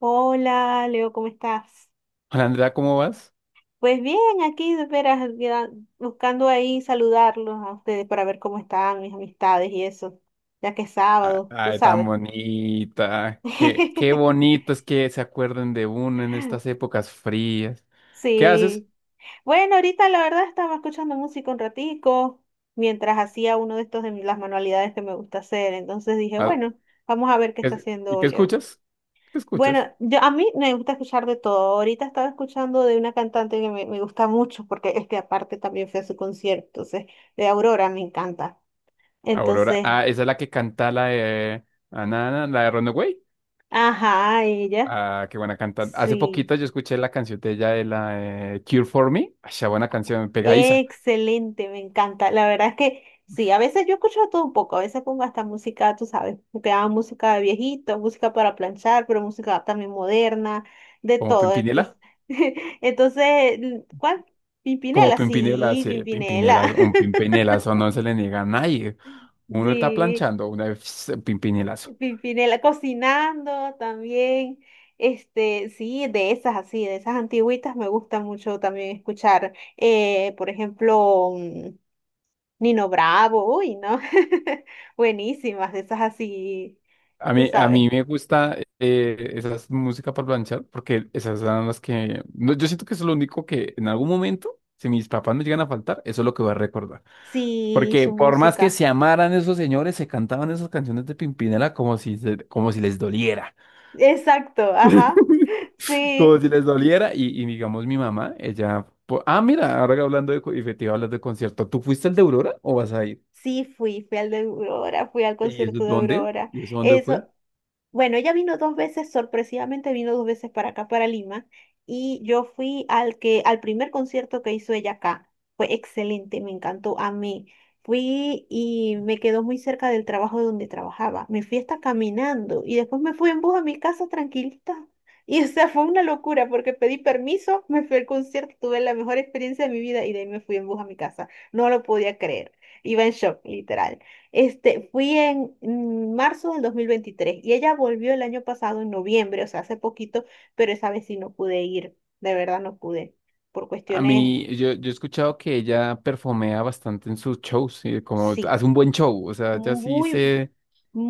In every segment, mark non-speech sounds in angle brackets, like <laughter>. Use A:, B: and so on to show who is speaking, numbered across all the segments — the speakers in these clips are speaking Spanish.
A: Hola, Leo, ¿cómo estás?
B: Hola Andrea, ¿cómo vas?
A: Pues bien, aquí de veras ya buscando ahí saludarlos a ustedes para ver cómo están mis amistades y eso, ya que es
B: Ah,
A: sábado, tú
B: ay, tan
A: sabes.
B: bonita. Qué
A: <laughs>
B: bonito es que se acuerden de uno en estas épocas frías. ¿Qué haces?
A: Sí. Bueno, ahorita la verdad estaba escuchando música un ratico mientras hacía uno de estos las manualidades que me gusta hacer, entonces dije,
B: Ah,
A: bueno, vamos a ver qué está
B: ¿Y
A: haciendo
B: qué
A: Leo.
B: escuchas? ¿Qué
A: Bueno,
B: escuchas?
A: a mí me gusta escuchar de todo. Ahorita estaba escuchando de una cantante que me gusta mucho porque es que aparte también fue a su concierto, entonces, de Aurora me encanta.
B: Aurora.
A: Entonces,
B: Ah, esa es la que canta la de Anana, la de Runaway.
A: ajá, ella,
B: Ah, qué buena canta. Hace
A: sí,
B: poquito yo escuché la canción de ella de la de Cure for Me. Ay, esa buena canción, pegadiza.
A: excelente, me encanta. La verdad es que sí, a veces yo escucho de todo un poco, a veces pongo hasta música, tú sabes, porque hago música de viejito, música para planchar, pero música también moderna, de
B: Como
A: todo. Entonces,
B: Pimpinela.
A: <laughs> entonces, ¿cuál?
B: Como
A: Pimpinela,
B: Pimpinela,
A: sí,
B: sí, Pimpinela,
A: Pimpinela.
B: un
A: <laughs>
B: Pimpinela, eso no se le niega a nadie. Uno está
A: Sí,
B: planchando, una vez pimpinelazo.
A: Pimpinela cocinando también. Sí, de esas así, de esas antigüitas me gusta mucho también escuchar. Por ejemplo, Nino Bravo, uy, ¿no? <laughs> Buenísimas, de esas así,
B: A
A: tú
B: mí, a mí
A: sabes.
B: me gusta, esas músicas para planchar, porque esas son las que, no, yo siento que eso es lo único que en algún momento, si mis papás me llegan a faltar, eso es lo que voy a recordar.
A: Sí,
B: Porque
A: su
B: por más que
A: música.
B: se amaran esos señores, se cantaban esas canciones de Pimpinela como si, como si les doliera.
A: Exacto, ajá.
B: <laughs> Como
A: Sí,
B: si les doliera. Y, digamos, mi mamá, ella. Ah, mira, ahora hablando de. Y te iba a hablar de concierto. ¿Tú fuiste el de Aurora o vas a ir?
A: sí, fui al de Aurora, fui al
B: ¿Y eso
A: concierto de
B: dónde?
A: Aurora.
B: ¿Y eso dónde
A: Eso,
B: fue?
A: Bueno, ella vino dos veces, sorpresivamente vino dos veces para acá, para Lima, y yo fui al primer concierto que hizo ella acá. Fue excelente, me encantó. A mí Fui y me quedó muy cerca del trabajo donde trabajaba. Me fui hasta caminando y después me fui en bus a mi casa tranquilita. <laughs> Y o sea, fue una locura porque pedí permiso, me fui al concierto, tuve la mejor experiencia de mi vida y de ahí me fui en bus a mi casa. No lo podía creer. Iba en shock, literal. Fui en marzo del 2023 y ella volvió el año pasado en noviembre, o sea, hace poquito, pero esa vez sí no pude ir, de verdad no pude, por
B: A
A: cuestiones,
B: mí, yo, yo he escuchado que ella perfumea bastante en sus shows, y como
A: sí,
B: hace un buen show, o sea, ya sí
A: muy
B: se,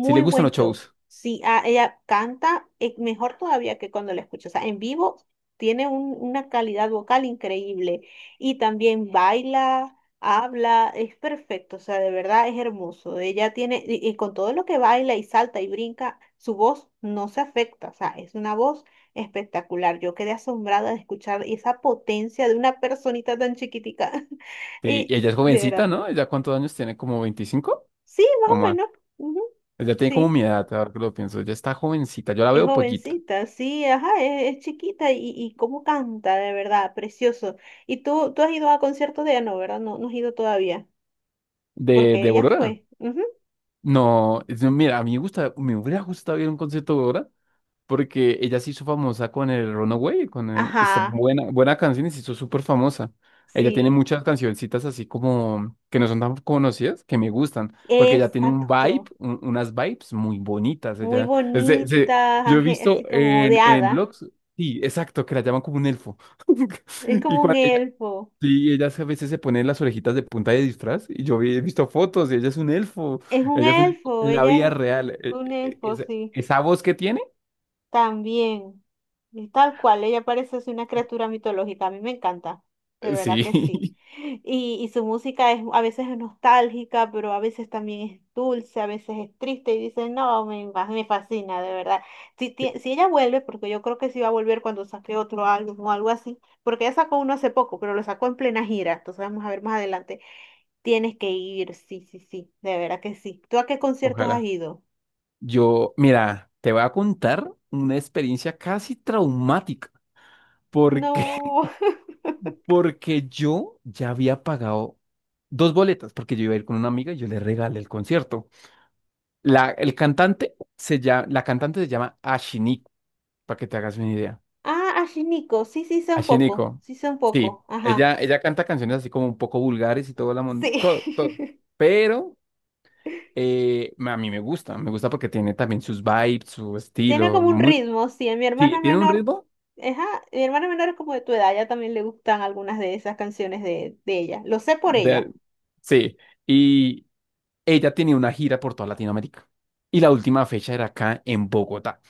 B: sí le gustan
A: buen
B: los
A: show.
B: shows.
A: Sí, ah, ella canta mejor todavía que cuando la escucho. O sea, en vivo tiene una calidad vocal increíble y también baila, habla, es perfecto. O sea, de verdad es hermoso. Ella tiene, y con todo lo que baila y salta y brinca, su voz no se afecta. O sea, es una voz espectacular. Yo quedé asombrada de escuchar esa potencia de una personita tan chiquitica. <laughs>
B: Sí, y
A: Y
B: ella es
A: de
B: jovencita,
A: verdad.
B: ¿no? ¿Ella cuántos años tiene? ¿Como 25
A: Sí, más
B: o
A: o
B: más?
A: menos. Ujú,
B: Ella tiene como
A: sí.
B: mi edad, ahora que lo pienso, ella está jovencita, yo la
A: Es
B: veo pollita.
A: jovencita, sí, ajá, es chiquita y cómo canta, de verdad, precioso. Y tú has ido a conciertos de ella, no, ¿verdad? No, no has ido todavía,
B: ¿De,
A: porque
B: de
A: ella
B: Aurora?
A: fue. Ujú.
B: No, mira, a mí me gusta, me hubiera gustado ir a un concierto de Aurora, porque ella se hizo famosa con el Runaway, con esta
A: Ajá,
B: buena, buena canción y se hizo súper famosa. Ella tiene
A: sí,
B: muchas cancioncitas así como que no son tan conocidas, que me gustan, porque ella tiene un vibe,
A: exacto.
B: unas vibes muy bonitas.
A: Muy
B: Ella, es de- se-
A: bonita,
B: Yo he
A: ángel,
B: visto
A: así como de
B: en,
A: hada.
B: blogs, sí, exacto, que la llaman como un elfo. <laughs>
A: Es
B: Y
A: como un
B: cuando ella,
A: elfo.
B: sí, ella a veces se pone las orejitas de punta de disfraz, y yo he visto fotos, y ella es un elfo,
A: Es un
B: ella es un elfo
A: elfo,
B: en la
A: ella
B: vida
A: es
B: real. Eh,
A: un
B: eh,
A: elfo,
B: esa
A: sí.
B: esa voz que tiene.
A: También, y tal cual, ella parece así una criatura mitológica, a mí me encanta, de verdad
B: Sí,
A: que sí.
B: <laughs>
A: Y su música es a veces es nostálgica, pero a veces también es dulce, a veces es triste y dicen, no, me fascina, de verdad. Si ella vuelve, porque yo creo que sí va a volver cuando saque otro álbum o algo así, porque ella sacó uno hace poco, pero lo sacó en plena gira, entonces vamos a ver más adelante. Tienes que ir, sí, sí, sí, de verdad que sí. ¿Tú a qué conciertos has
B: ojalá.
A: ido?
B: Yo, mira, te voy a contar una experiencia casi traumática, porque
A: No.
B: <laughs> porque yo ya había pagado dos boletas, porque yo iba a ir con una amiga y yo le regalé el concierto. La, el cantante se llama, la cantante se llama Ashiniko, para que te hagas una idea.
A: Ah, ashinico, sí, sí sí sé un poco,
B: Ashiniko,
A: sí sé un
B: sí,
A: poco, ajá,
B: ella canta canciones así como un poco vulgares y todo, la
A: sí.
B: todo, todo.
A: <laughs>
B: Pero a mí me gusta porque tiene también sus vibes, su
A: Tiene
B: estilo,
A: como un
B: muy.
A: ritmo, sí, a mi
B: Sí,
A: hermana
B: tiene un
A: menor,
B: ritmo
A: ajá, mi hermana menor es como de tu edad, ya también le gustan algunas de esas canciones de ella, lo sé por ella.
B: de. Sí, y ella tenía una gira por toda Latinoamérica. Y la última fecha era acá en Bogotá.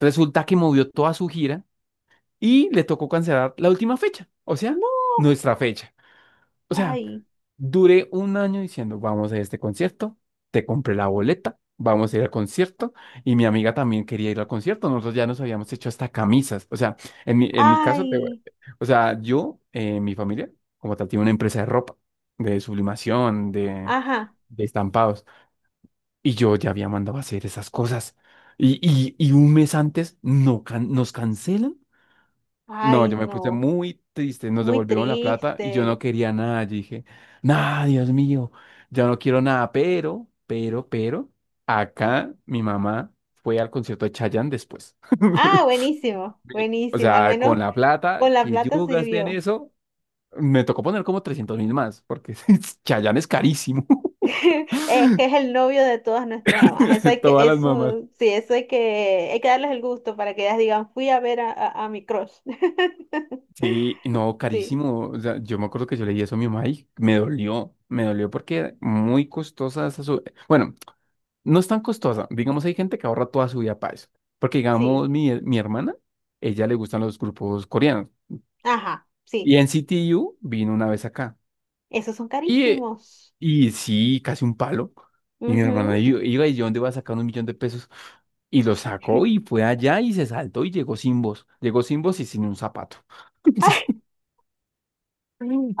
B: Resulta que movió toda su gira y le tocó cancelar la última fecha, o sea,
A: No,
B: nuestra fecha. O sea,
A: ay,
B: duré un año diciendo, vamos a este concierto, te compré la boleta, vamos a ir al concierto, y mi amiga también quería ir al concierto, nosotros ya nos habíamos hecho hasta camisas, o sea, en mi caso, te.
A: ay,
B: O sea, yo, mi familia, como tal, tiene una empresa de ropa, de sublimación, de,
A: ajá,
B: de estampados, y yo ya había mandado a hacer esas cosas, y un mes antes no nos cancelan. No,
A: ay,
B: yo me puse
A: no,
B: muy triste, nos
A: muy
B: devolvieron la plata y yo no
A: triste.
B: quería nada. Yo dije, nada, Dios mío, yo no quiero nada, pero, acá mi mamá fue al concierto de Chayanne después.
A: Ah,
B: <laughs>
A: buenísimo,
B: Sí. O
A: buenísimo, al
B: sea, con
A: menos
B: la plata
A: con la
B: que
A: plata
B: yo gasté en
A: sirvió.
B: eso, me tocó poner como 300.000 más, porque <laughs> Chayanne es carísimo.
A: <laughs> Es que es el novio de todas nuestras mamás. Eso
B: <laughs>
A: hay que,
B: Todas las mamás.
A: eso, sí, eso hay que darles el gusto para que ellas digan, fui a ver a mi crush. <laughs>
B: Sí, no,
A: Sí,
B: carísimo. O sea, yo me acuerdo que yo leí eso a mi mamá y me dolió porque muy costosa esa Bueno, no es tan costosa. Digamos, hay gente que ahorra toda su vida para eso. Porque,
A: sí,
B: digamos, mi hermana, ella le gustan los grupos coreanos.
A: ajá, sí.
B: Y en CTU vino una vez acá.
A: Esos son
B: Y, eh,
A: carísimos.
B: y sí, casi un palo. Y mi hermana
A: Ujú.
B: iba y yo, ¿dónde va a sacar 1 millón de pesos? Y lo sacó
A: <laughs>
B: y fue allá y se saltó y llegó sin voz. Llegó sin voz y sin un zapato. <laughs>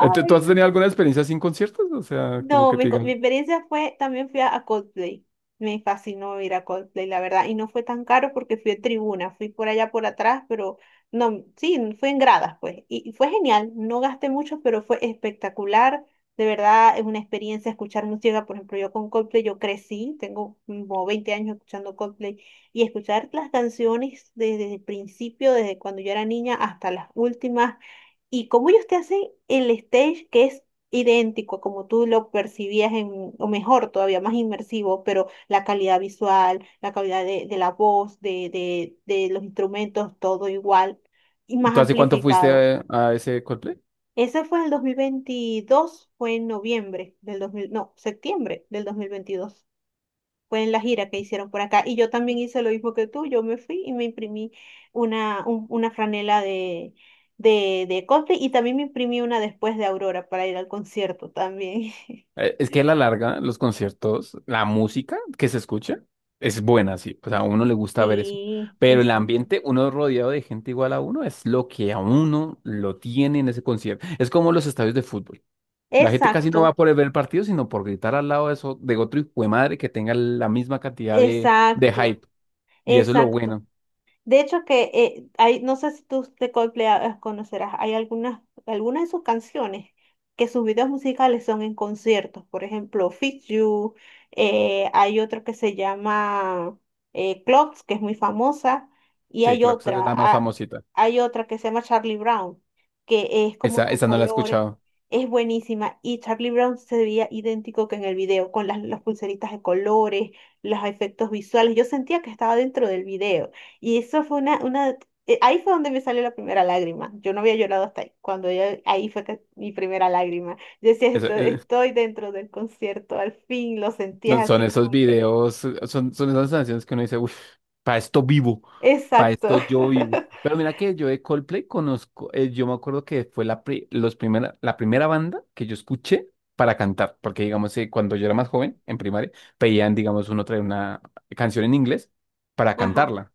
B: ¿Tú has tenido alguna experiencia sin conciertos? O sea, como
A: no,
B: que
A: mi,
B: te
A: co- mi
B: digan,
A: experiencia fue, también fui a Coldplay. Me fascinó ir a Coldplay, la verdad. Y no fue tan caro porque fui a tribuna, fui por allá por atrás, pero no, sí, fue en gradas, pues. Y fue genial, no gasté mucho, pero fue espectacular. De verdad, es una experiencia escuchar música. Por ejemplo, yo con Coldplay, yo crecí, tengo como 20 años escuchando Coldplay. Y escuchar las canciones desde el principio, desde cuando yo era niña hasta las últimas. Y cómo ellos te hacen el stage que es idéntico como tú lo percibías en, o mejor, todavía más inmersivo, pero la calidad visual, la calidad de la voz, de los instrumentos, todo igual y más
B: ¿tú hace cuánto fuiste
A: amplificado.
B: a ese Coldplay?
A: Ese fue en el 2022, fue en noviembre del dos mil, no, septiembre del 2022. Fue en la gira que hicieron por acá. Y yo también hice lo mismo que tú. Yo me fui y me imprimí una franela de Coldplay y también me imprimí una después de Aurora para ir al concierto también. <laughs>
B: Es que a la larga, los conciertos, la música que se escucha es buena, sí. O sea, a uno le gusta ver eso.
A: Sí,
B: Pero el
A: exacto.
B: ambiente, uno rodeado de gente igual a uno, es lo que a uno lo tiene en ese concierto. Es como los estadios de fútbol. La gente casi no va
A: Exacto,
B: por el ver el partido, sino por gritar al lado de, eso, de otro hijo de madre que tenga la misma cantidad de
A: exacto,
B: hype. Y eso es lo
A: exacto.
B: bueno.
A: De hecho que hay, no sé si tú de Coldplay ah, conocerás, hay algunas de sus canciones que sus videos musicales son en conciertos. Por ejemplo, Fix You, hay otro que se llama Clocks, que es muy famosa, y
B: Sí,
A: hay
B: claro que esa es
A: otra,
B: la más
A: ah,
B: famosita.
A: hay otra que se llama Charlie Brown, que es
B: Esa,
A: como con
B: esa no la he
A: colores,
B: escuchado.
A: es buenísima. Y Charlie Brown se veía idéntico que en el video, con las pulseritas de colores, los efectos visuales. Yo sentía que estaba dentro del video. Y eso fue una, ahí fue donde me salió la primera lágrima. Yo no había llorado hasta ahí. Cuando ella, ahí fue que- mi primera lágrima. Yo decía, estoy dentro del concierto, al fin lo sentías
B: No, son
A: así
B: esos
A: como que,"
B: videos, son esas canciones que uno dice, uff, para esto vivo, para
A: exacto.
B: esto
A: <laughs>
B: yo vivo. Pero mira que yo de Coldplay conozco, yo me acuerdo que fue la primera banda que yo escuché para cantar, porque digamos, cuando yo era más joven, en primaria, pedían, digamos, uno trae una canción en inglés para
A: Ajá.
B: cantarla.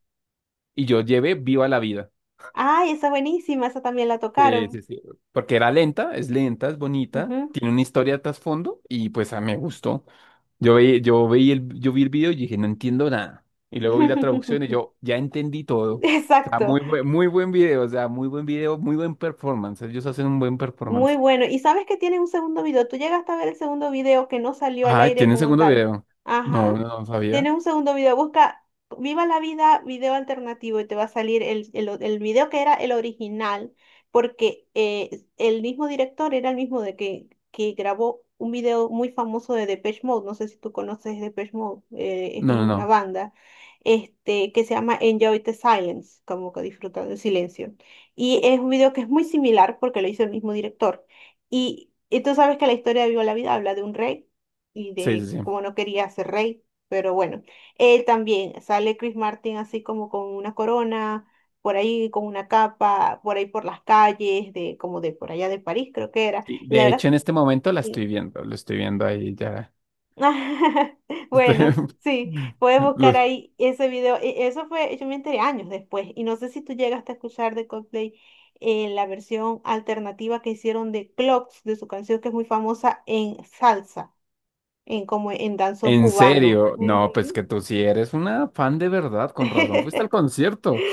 B: Y yo llevé Viva la Vida.
A: Ay, esa buenísima, esa también la
B: Sí,
A: tocaron.
B: sí, sí. Porque era lenta, es bonita,
A: Ujú.
B: tiene una historia de trasfondo y pues a mí me gustó. Yo vi el video y dije, no entiendo nada. Y luego vi la traducción y
A: <laughs>
B: yo ya entendí todo. O sea,
A: Exacto.
B: muy buen video, o sea, muy buen video, muy buen performance. Ellos hacen un buen
A: Muy
B: performance.
A: bueno. Y sabes que tiene un segundo video. Tú llegaste a ver el segundo video que no salió al
B: Ah,
A: aire
B: ¿tienen
A: como
B: segundo
A: tal.
B: video? No,
A: Ajá.
B: no, no sabía.
A: Tiene un segundo video. Busca Viva la Vida video alternativo y te va a salir el video que era el original, porque el mismo director era el mismo que grabó un video muy famoso de Depeche Mode. No sé si tú conoces Depeche Mode. Es
B: No, no,
A: una
B: no.
A: banda que se llama Enjoy the Silence, como que disfruta del silencio. Y es un video que es muy similar porque lo hizo el mismo director. Y tú sabes que la historia de Viva la Vida habla de un rey y
B: Sí, sí,
A: de cómo
B: sí.
A: no quería ser rey, pero bueno, él también sale Chris Martin así como con una corona, por ahí con una capa, por ahí por las calles, de como de por allá de París creo que era.
B: Y,
A: La
B: de
A: verdad,
B: hecho, en este momento la estoy
A: sí.
B: viendo, lo estoy viendo ahí ya.
A: <laughs> Bueno,
B: <laughs>
A: sí, puedes buscar
B: Lo-
A: ahí ese video. Eso fue, yo me enteré años después y no sé si tú llegaste a escuchar de Coldplay la versión alternativa que hicieron de Clocks, de su canción que es muy famosa en salsa, en como en danzón
B: En
A: cubano.
B: serio,
A: Ujú.
B: no, pues que tú sí eres una fan de verdad, con razón. Fuiste al
A: <laughs>
B: concierto.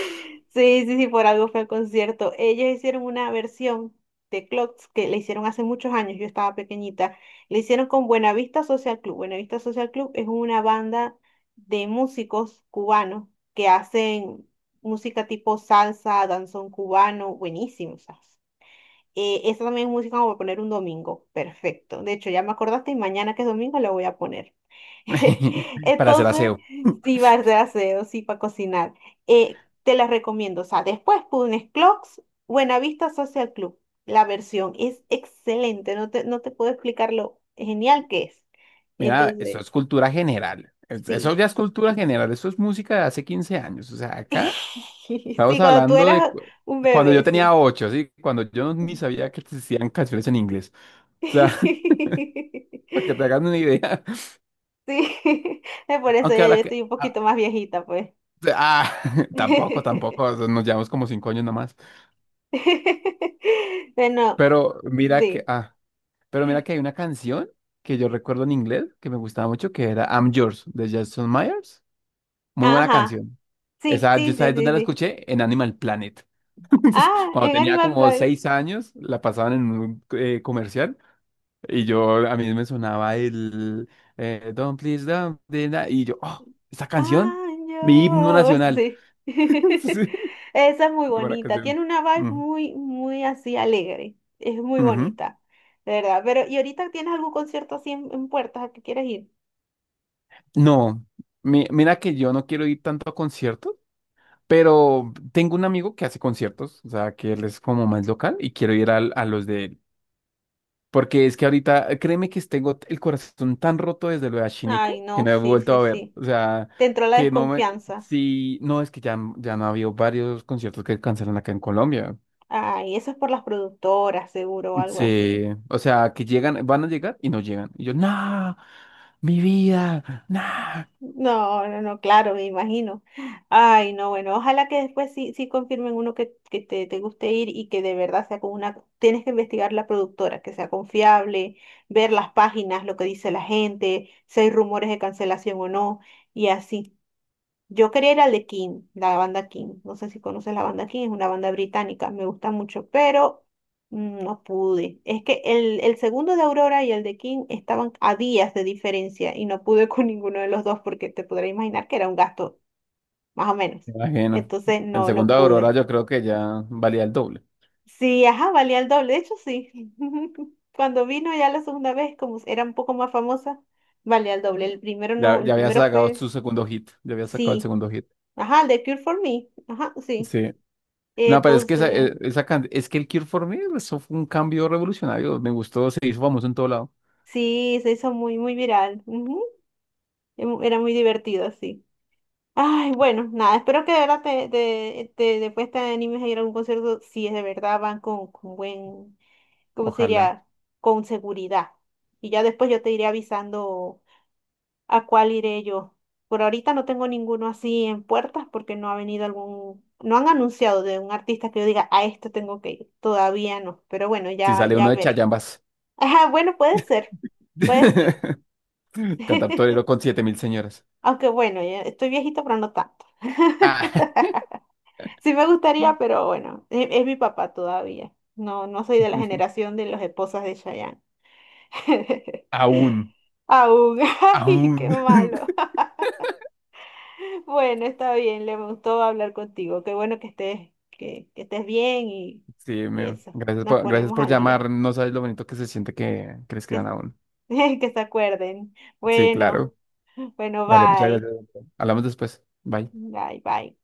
A: Sí, sí, sí, por algo fue el concierto. Ellos hicieron una versión de Clocks que le hicieron hace muchos años, yo estaba pequeñita. Le hicieron con Buenavista Social Club. Buenavista Social Club es una banda de músicos cubanos que hacen música tipo salsa, danzón cubano, buenísimo, o sea. Esa también es música como para poner un domingo, perfecto. De hecho, ya me acordaste y mañana que es domingo la voy a poner. <laughs>
B: <laughs> Para hacer
A: Entonces,
B: aseo.
A: sí va a hacer aseo, sí para cocinar. Te las recomiendo. O sea, después pones Clocks, Buenavista Social Club. La versión es excelente. No te puedo explicar lo genial que es.
B: Mira, eso
A: Entonces,
B: es cultura general. Eso
A: sí.
B: ya es cultura general. Eso es música de hace 15 años. O sea, acá
A: <laughs> Sí,
B: estamos
A: cuando tú
B: hablando de
A: eras un
B: cuando yo
A: bebé,
B: tenía
A: sí.
B: 8, ¿sí? Cuando yo ni sabía que existían canciones en inglés. O sea, <laughs>
A: <laughs>
B: para que te hagas una idea.
A: Sí. <laughs> Es por eso yo,
B: Aunque
A: yo
B: ahora que.
A: estoy un poquito más viejita, pues.
B: Ah, <laughs> tampoco, tampoco. O
A: <laughs>
B: sea, nos llevamos como 5 años nomás.
A: Bueno,
B: Pero mira que.
A: sí.
B: Ah, pero mira que hay una canción que yo recuerdo en inglés que me gustaba mucho, que era I'm Yours, de Jason Myers. Muy buena
A: Ajá.
B: canción.
A: Sí,
B: Esa, ¿yo
A: sí, sí,
B: sabes
A: sí,
B: dónde la
A: sí.
B: escuché? En Animal Planet. <laughs>
A: Ah,
B: Cuando
A: en
B: tenía
A: Animal
B: como
A: Planet.
B: 6 años, la pasaban en un comercial y yo a mí me sonaba el Don't Please Don't y yo, oh, esta canción,
A: Ah,
B: mi himno
A: años,
B: nacional.
A: sí.
B: <laughs>
A: <laughs>
B: Sí,
A: Esa es muy
B: qué buena
A: bonita.
B: canción.
A: Tiene una vibe
B: Ujú,
A: muy, muy así alegre. Es muy
B: ujú.
A: bonita, de verdad. Pero, ¿y ahorita tienes algún concierto así en puertas a que quieres ir?
B: No, mira que yo no quiero ir tanto a conciertos, pero tengo un amigo que hace conciertos, o sea, que él es como más local y quiero ir a los de él. Porque es que ahorita, créeme que tengo el corazón tan roto desde lo de
A: Ay,
B: Shiniko que
A: no,
B: no he
A: sí,
B: vuelto
A: sí,
B: a ver.
A: sí.
B: O sea,
A: Te entró la
B: que no me.
A: desconfianza.
B: Sí, no, es que ya, ya han habido varios conciertos que cancelan acá en Colombia.
A: Ay, eso es por las productoras, seguro, o algo
B: Sí,
A: así.
B: o sea, que llegan, van a llegar y no llegan. Y yo, no, mi vida, no.
A: No, no, no, claro, me imagino. Ay, no, bueno, ojalá que después sí, sí confirmen uno que te guste ir y que de verdad sea con una... Tienes que investigar la productora, que sea confiable, ver las páginas, lo que dice la gente, si hay rumores de cancelación o no, y así. Yo quería ir al de King, la banda King. No sé si conoces la banda King, es una banda británica, me gusta mucho, pero no pude. Es que el segundo de Aurora y el de King estaban a días de diferencia y no pude <laughs> con ninguno de los dos porque te podrás imaginar que era un gasto, más o menos.
B: Me imagino.
A: Entonces,
B: El
A: no, no
B: segundo Aurora,
A: pude.
B: yo creo que ya valía el doble.
A: Sí, ajá, valía el doble, de hecho sí. <laughs> Cuando vino ya la segunda vez, como era un poco más famosa, valía el doble. El primero
B: Ya,
A: no, el
B: ya había
A: primero
B: sacado
A: fue,
B: su segundo hit. Ya había sacado el
A: sí,
B: segundo hit.
A: ajá, el de Cure for Me, ajá, sí.
B: Sí. No, pero es que esa,
A: Entonces,
B: es que el Cure for Me, pues, eso fue un cambio revolucionario. Me gustó, se hizo famoso en todo lado.
A: sí, se hizo muy, muy viral. Ujú. Era muy divertido, así. Ay, bueno, nada, espero que de verdad después te animes a ir a algún concierto, si es de verdad van con buen, ¿cómo se
B: Ojalá.
A: diría? Con seguridad. Y ya después yo te iré avisando a cuál iré yo. Por ahorita no tengo ninguno así en puertas porque no ha venido algún, no han anunciado de un artista que yo diga, a esto tengo que ir. Todavía no, pero bueno,
B: Si
A: ya,
B: sale
A: ya
B: uno de
A: veré.
B: Chayambas.
A: Ajá, bueno, puede ser. Puede ser.
B: <laughs> Cantar torero con
A: <laughs>
B: 7.000 señoras.
A: Aunque bueno, ya estoy viejito, pero no tanto.
B: Ah,
A: <laughs> Sí me gustaría, pero bueno, es, mi papá todavía. No, no soy de la
B: <laughs>
A: generación de las esposas de Chayanne. <laughs>
B: aún,
A: Aún, <laughs> ay, qué
B: aún.
A: malo.
B: <laughs>
A: <laughs> Bueno, está bien, le gustó hablar contigo. Qué bueno que estés, que estés bien y,
B: Sí,
A: y eso.
B: gracias
A: Nos
B: por, gracias
A: ponemos
B: por
A: al día.
B: llamar. No sabes lo bonito que se siente que crees que van
A: Que,
B: aún.
A: <laughs> que se acuerden.
B: Sí,
A: Bueno,
B: claro.
A: bueno,
B: Dale, muchas
A: bye.
B: gracias. Hablamos después. Bye.
A: Bye, bye.